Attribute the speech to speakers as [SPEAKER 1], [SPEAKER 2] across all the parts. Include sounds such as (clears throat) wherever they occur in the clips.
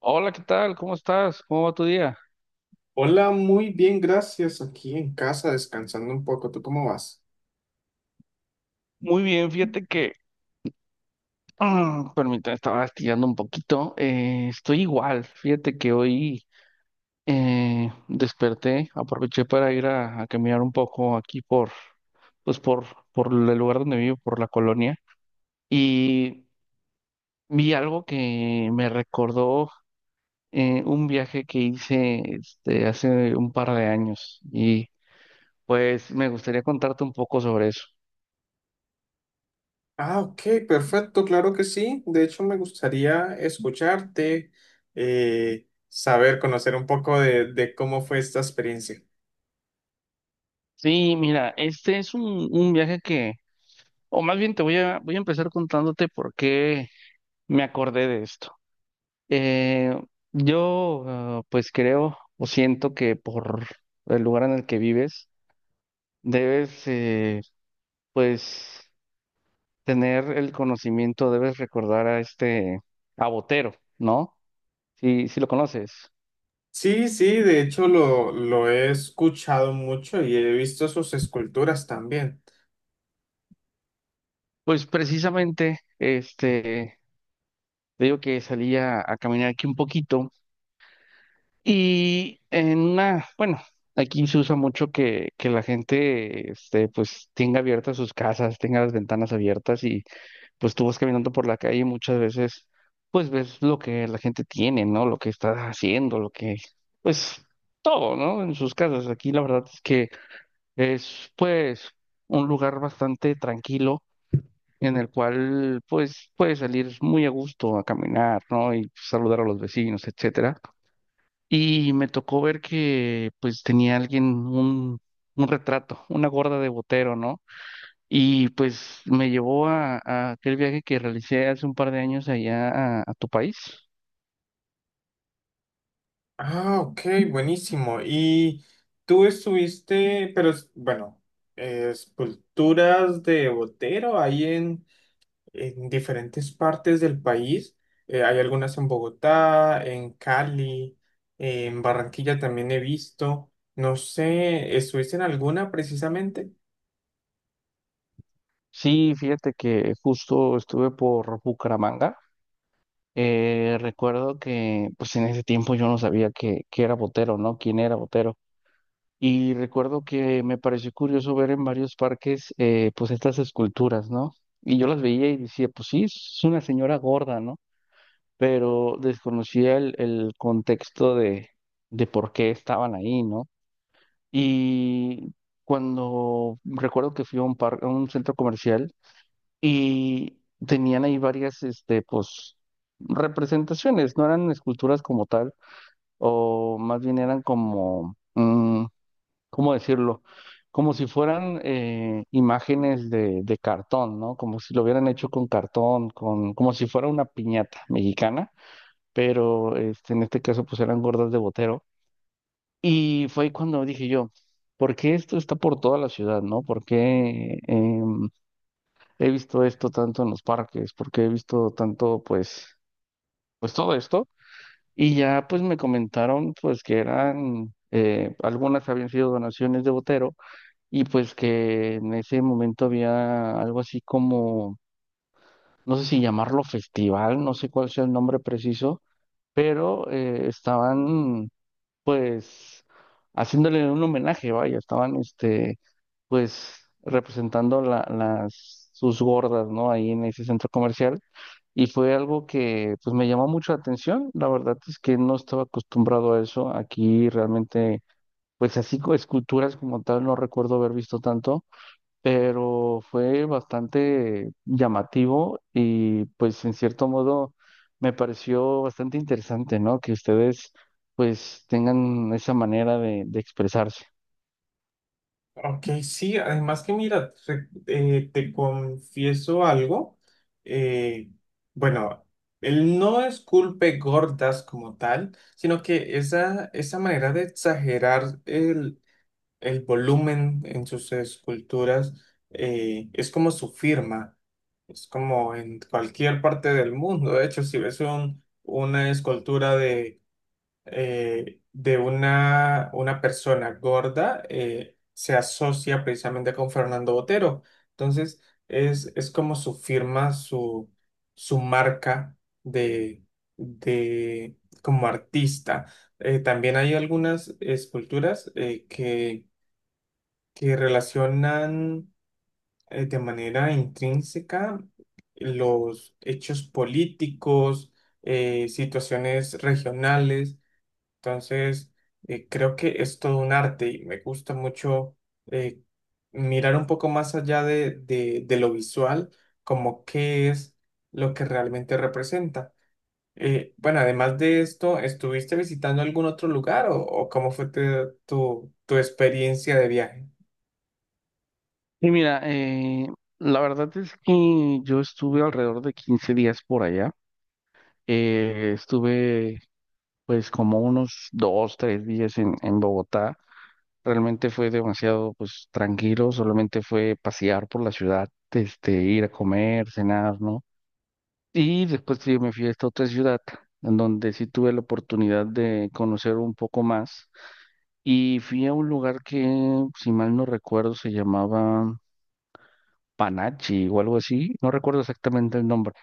[SPEAKER 1] Hola, ¿qué tal? ¿Cómo estás? ¿Cómo va tu día?
[SPEAKER 2] Hola, muy bien, gracias. Aquí en casa descansando un poco. ¿Tú cómo vas?
[SPEAKER 1] Muy bien, fíjate que, (clears throat) permítame, estaba estirando un poquito. Estoy igual, fíjate que hoy desperté, aproveché para ir a caminar un poco aquí por, pues por el lugar donde vivo, por la colonia, y vi algo que me recordó un viaje que hice este, hace un par de años, y pues me gustaría contarte un poco sobre eso.
[SPEAKER 2] Ah, ok, perfecto, claro que sí. De hecho, me gustaría escucharte, saber, conocer un poco de cómo fue esta experiencia.
[SPEAKER 1] Sí, mira, este es un viaje que, o más bien te voy a empezar contándote por qué me acordé de esto. Eh, yo, pues creo o siento que por el lugar en el que vives, debes, pues, tener el conocimiento, debes recordar a este, a Botero, ¿no? Si lo conoces.
[SPEAKER 2] Sí, sí, de hecho lo he escuchado mucho y he visto sus esculturas también.
[SPEAKER 1] Pues precisamente, este, te digo que salía a caminar aquí un poquito. Y en una, bueno, aquí se usa mucho que la gente, este, pues tenga abiertas sus casas, tenga las ventanas abiertas y pues tú vas caminando por la calle y muchas veces, pues ves lo que la gente tiene, ¿no? Lo que está haciendo, lo que, pues todo, ¿no? En sus casas. Aquí la verdad es que es, pues, un lugar bastante tranquilo en el cual, pues, puedes salir muy a gusto a caminar, ¿no? Y saludar a los vecinos, etcétera. Y me tocó ver que pues tenía alguien un retrato, una gorda de Botero, ¿no? Y pues me llevó a aquel viaje que realicé hace un par de años allá a tu país.
[SPEAKER 2] Ah, ok, buenísimo. Y tú estuviste, pero bueno, esculturas de Botero ahí en diferentes partes del país. Hay algunas en Bogotá, en Cali, en Barranquilla también he visto. No sé, ¿estuviste en alguna precisamente?
[SPEAKER 1] Sí, fíjate que justo estuve por Bucaramanga. Recuerdo que pues en ese tiempo yo no sabía que era Botero, ¿no? ¿Quién era Botero? Y recuerdo que me pareció curioso ver en varios parques pues estas esculturas, ¿no? Y yo las veía y decía, pues sí, es una señora gorda, ¿no? Pero desconocía el contexto de por qué estaban ahí, ¿no? Y cuando recuerdo que fui a un par, a un centro comercial y tenían ahí varias, este, pues, representaciones, no eran esculturas como tal, o más bien eran como, ¿cómo decirlo? Como si fueran imágenes de cartón, ¿no? Como si lo hubieran hecho con cartón, con, como si fuera una piñata mexicana, pero este, en este caso pues eran gordas de Botero. Y fue ahí cuando dije yo, ¿por qué esto está por toda la ciudad, no? ¿Por qué he visto esto tanto en los parques? ¿Por qué he visto tanto, pues, pues todo esto? Y ya pues me comentaron pues que eran, algunas habían sido donaciones de Botero y pues que en ese momento había algo así como, no sé si llamarlo festival, no sé cuál sea el nombre preciso, pero estaban pues haciéndole un homenaje, vaya, estaban este, pues representando la- las sus gordas, ¿no? Ahí en ese centro comercial, y fue algo que pues me llamó mucho la atención. La verdad es que no estaba acostumbrado a eso. Aquí realmente, pues así co- esculturas como tal no recuerdo haber visto tanto, pero fue bastante llamativo y pues en cierto modo me pareció bastante interesante, ¿no? Que ustedes pues tengan esa manera de expresarse.
[SPEAKER 2] Ok, sí, además que mira, te confieso algo. eh, bueno, él no es culpe gordas como tal, sino que esa manera de exagerar el volumen en sus esculturas es como su firma, es como en cualquier parte del mundo. De hecho, si ves una escultura de una persona gorda, se asocia precisamente con Fernando Botero. Entonces, es como su firma, su marca de, de, como artista. También hay algunas esculturas que relacionan de manera intrínseca los hechos políticos, situaciones regionales. Entonces, creo que es todo un arte y me gusta mucho eh, mirar un poco más allá de, de lo visual, como qué es lo que realmente representa. Bueno, además de esto, ¿estuviste visitando algún otro lugar o cómo fue tu, tu experiencia de viaje?
[SPEAKER 1] Y mira, la verdad es que yo estuve alrededor de 15 días por allá. Estuve pues como unos 2, 3 días en Bogotá. Realmente fue demasiado pues tranquilo, solamente fue pasear por la ciudad, este, ir a comer, cenar, ¿no? Y después sí, me fui a esta otra ciudad, en donde sí tuve la oportunidad de conocer un poco más. Y fui a un lugar que, si mal no recuerdo, se llamaba Panachi o algo así. No recuerdo exactamente el nombre.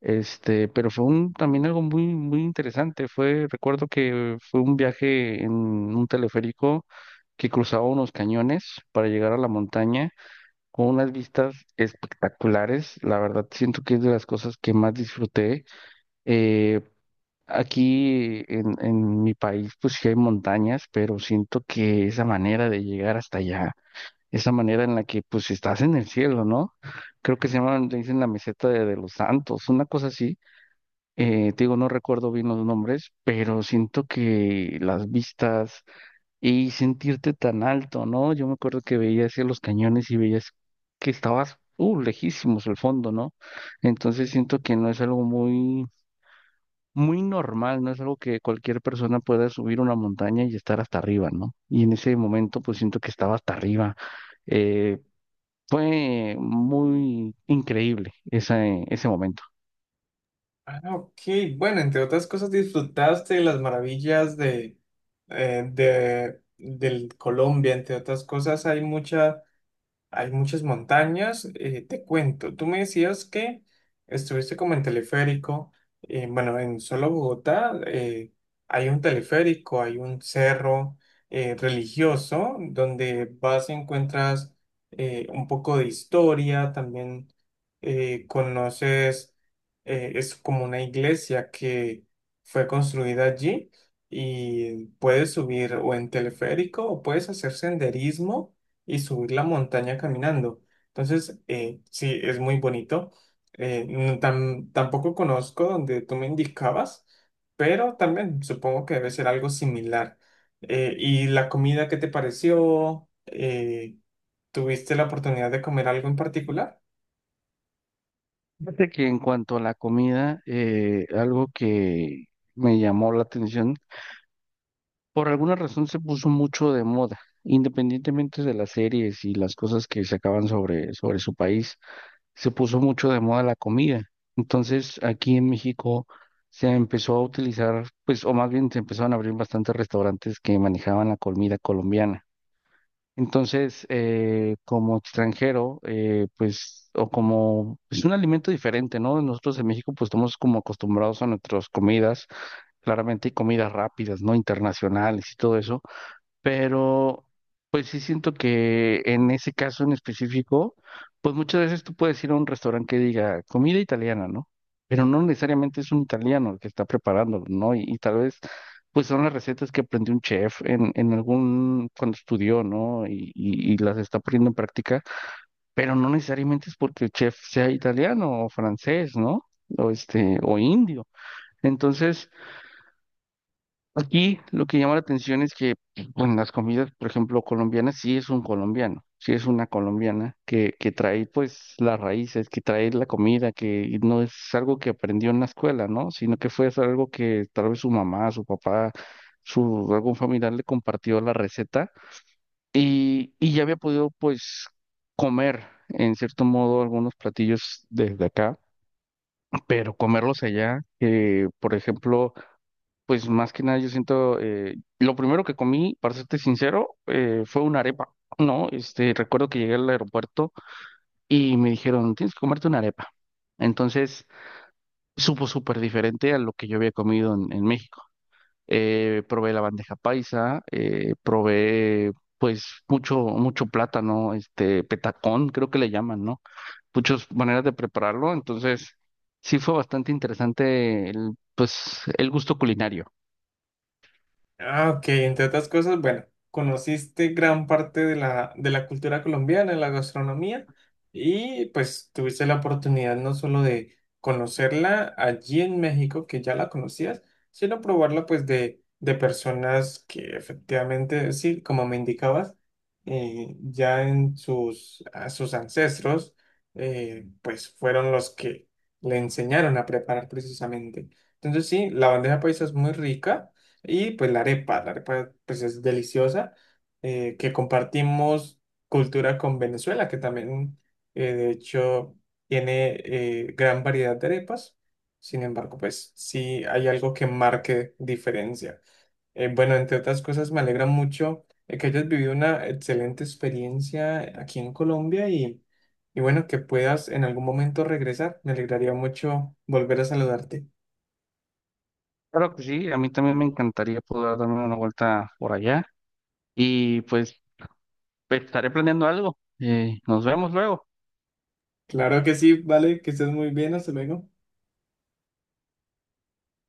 [SPEAKER 1] Este, pero fue un, también algo muy, muy interesante. Fue, recuerdo que fue un viaje en un teleférico que cruzaba unos cañones para llegar a la montaña con unas vistas espectaculares. La verdad, siento que es de las cosas que más disfruté. Eh, Aquí en mi país, pues sí hay montañas, pero siento que esa manera de llegar hasta allá, esa manera en la que pues estás en el cielo, ¿no? Creo que se llaman, le dicen la meseta de los santos, una cosa así. Te digo, no recuerdo bien los nombres, pero siento que las vistas y sentirte tan alto, ¿no? Yo me acuerdo que veía hacia los cañones y veías que estabas, lejísimos el fondo, ¿no? Entonces siento que no es algo muy muy normal, no es algo que cualquier persona pueda subir una montaña y estar hasta arriba, ¿no? Y en ese momento pues siento que estaba hasta arriba. Eh, Fue muy increíble ese, ese momento.
[SPEAKER 2] Ah, ok. Bueno, entre otras cosas, disfrutaste de las maravillas de, del Colombia. Entre otras cosas, hay muchas. Hay muchas montañas. Te cuento, tú me decías que estuviste como en teleférico. Bueno, en solo Bogotá hay un teleférico, hay un cerro religioso donde vas y encuentras un poco de historia. También conoces, es como una iglesia que fue construida allí y puedes subir o en teleférico o puedes hacer senderismo y subir la montaña caminando. Entonces, sí, es muy bonito. No tampoco conozco donde tú me indicabas, pero también supongo que debe ser algo similar. ¿Y la comida qué te pareció? ¿Tuviste la oportunidad de comer algo en particular?
[SPEAKER 1] Fíjate que en cuanto a la comida, algo que me llamó la atención, por alguna razón se puso mucho de moda, independientemente de las series y las cosas que sacaban sobre, sobre su país. Se puso mucho de moda la comida. Entonces, aquí en México se empezó a utilizar, pues, o más bien se empezaron a abrir bastantes restaurantes que manejaban la comida colombiana. Entonces, como extranjero, pues, o como, es un alimento diferente, ¿no? Nosotros en México, pues, estamos como acostumbrados a nuestras comidas, claramente hay comidas rápidas, ¿no? Internacionales y todo eso, pero pues sí siento que en ese caso en específico, pues muchas veces tú puedes ir a un restaurante que diga comida italiana, ¿no? Pero no necesariamente es un italiano el que está preparándolo, ¿no? Y tal vez pues son las recetas que aprendió un chef en algún, cuando estudió, ¿no? Y las está poniendo en práctica, pero no necesariamente es porque el chef sea italiano o francés, ¿no? O este, o indio. Entonces... Aquí lo que llama la atención es que en las comidas, por ejemplo, colombianas, sí es un colombiano, sí es una colombiana que trae pues las raíces, que trae la comida, que no es algo que aprendió en la escuela, ¿no? Sino que fue algo que tal vez su mamá, su papá, su algún familiar le compartió la receta y ya había podido pues comer en cierto modo algunos platillos desde acá, pero comerlos allá, por ejemplo, pues más que nada yo siento, lo primero que comí, para serte sincero, fue una arepa, ¿no? Este, recuerdo que llegué al aeropuerto y me dijeron, tienes que comerte una arepa. Entonces, supo súper diferente a lo que yo había comido en México. Probé la bandeja paisa, probé pues mucho, mucho plátano, este, petacón, creo que le llaman, ¿no? Muchas maneras de prepararlo, entonces sí fue bastante interesante el, pues, el gusto culinario.
[SPEAKER 2] Ah, ok, entre otras cosas, bueno, conociste gran parte de de la cultura colombiana, de la gastronomía, y pues tuviste la oportunidad no solo de conocerla allí en México, que ya la conocías, sino probarla pues de personas que efectivamente, sí, como me indicabas, ya en sus, a sus ancestros, pues fueron los que le enseñaron a preparar precisamente. Entonces sí, la bandeja paisa es muy rica. Y pues la arepa pues es deliciosa, que compartimos cultura con Venezuela, que también de hecho tiene gran variedad de arepas. Sin embargo, pues sí hay algo que marque diferencia. Bueno, entre otras cosas, me alegra mucho que hayas vivido una excelente experiencia aquí en Colombia y bueno, que puedas en algún momento regresar. Me alegraría mucho volver a saludarte.
[SPEAKER 1] Claro que sí, a mí también me encantaría poder darme una vuelta por allá y pues estaré planeando algo. Nos vemos luego.
[SPEAKER 2] Claro que sí, vale, que estés muy bien, hasta luego.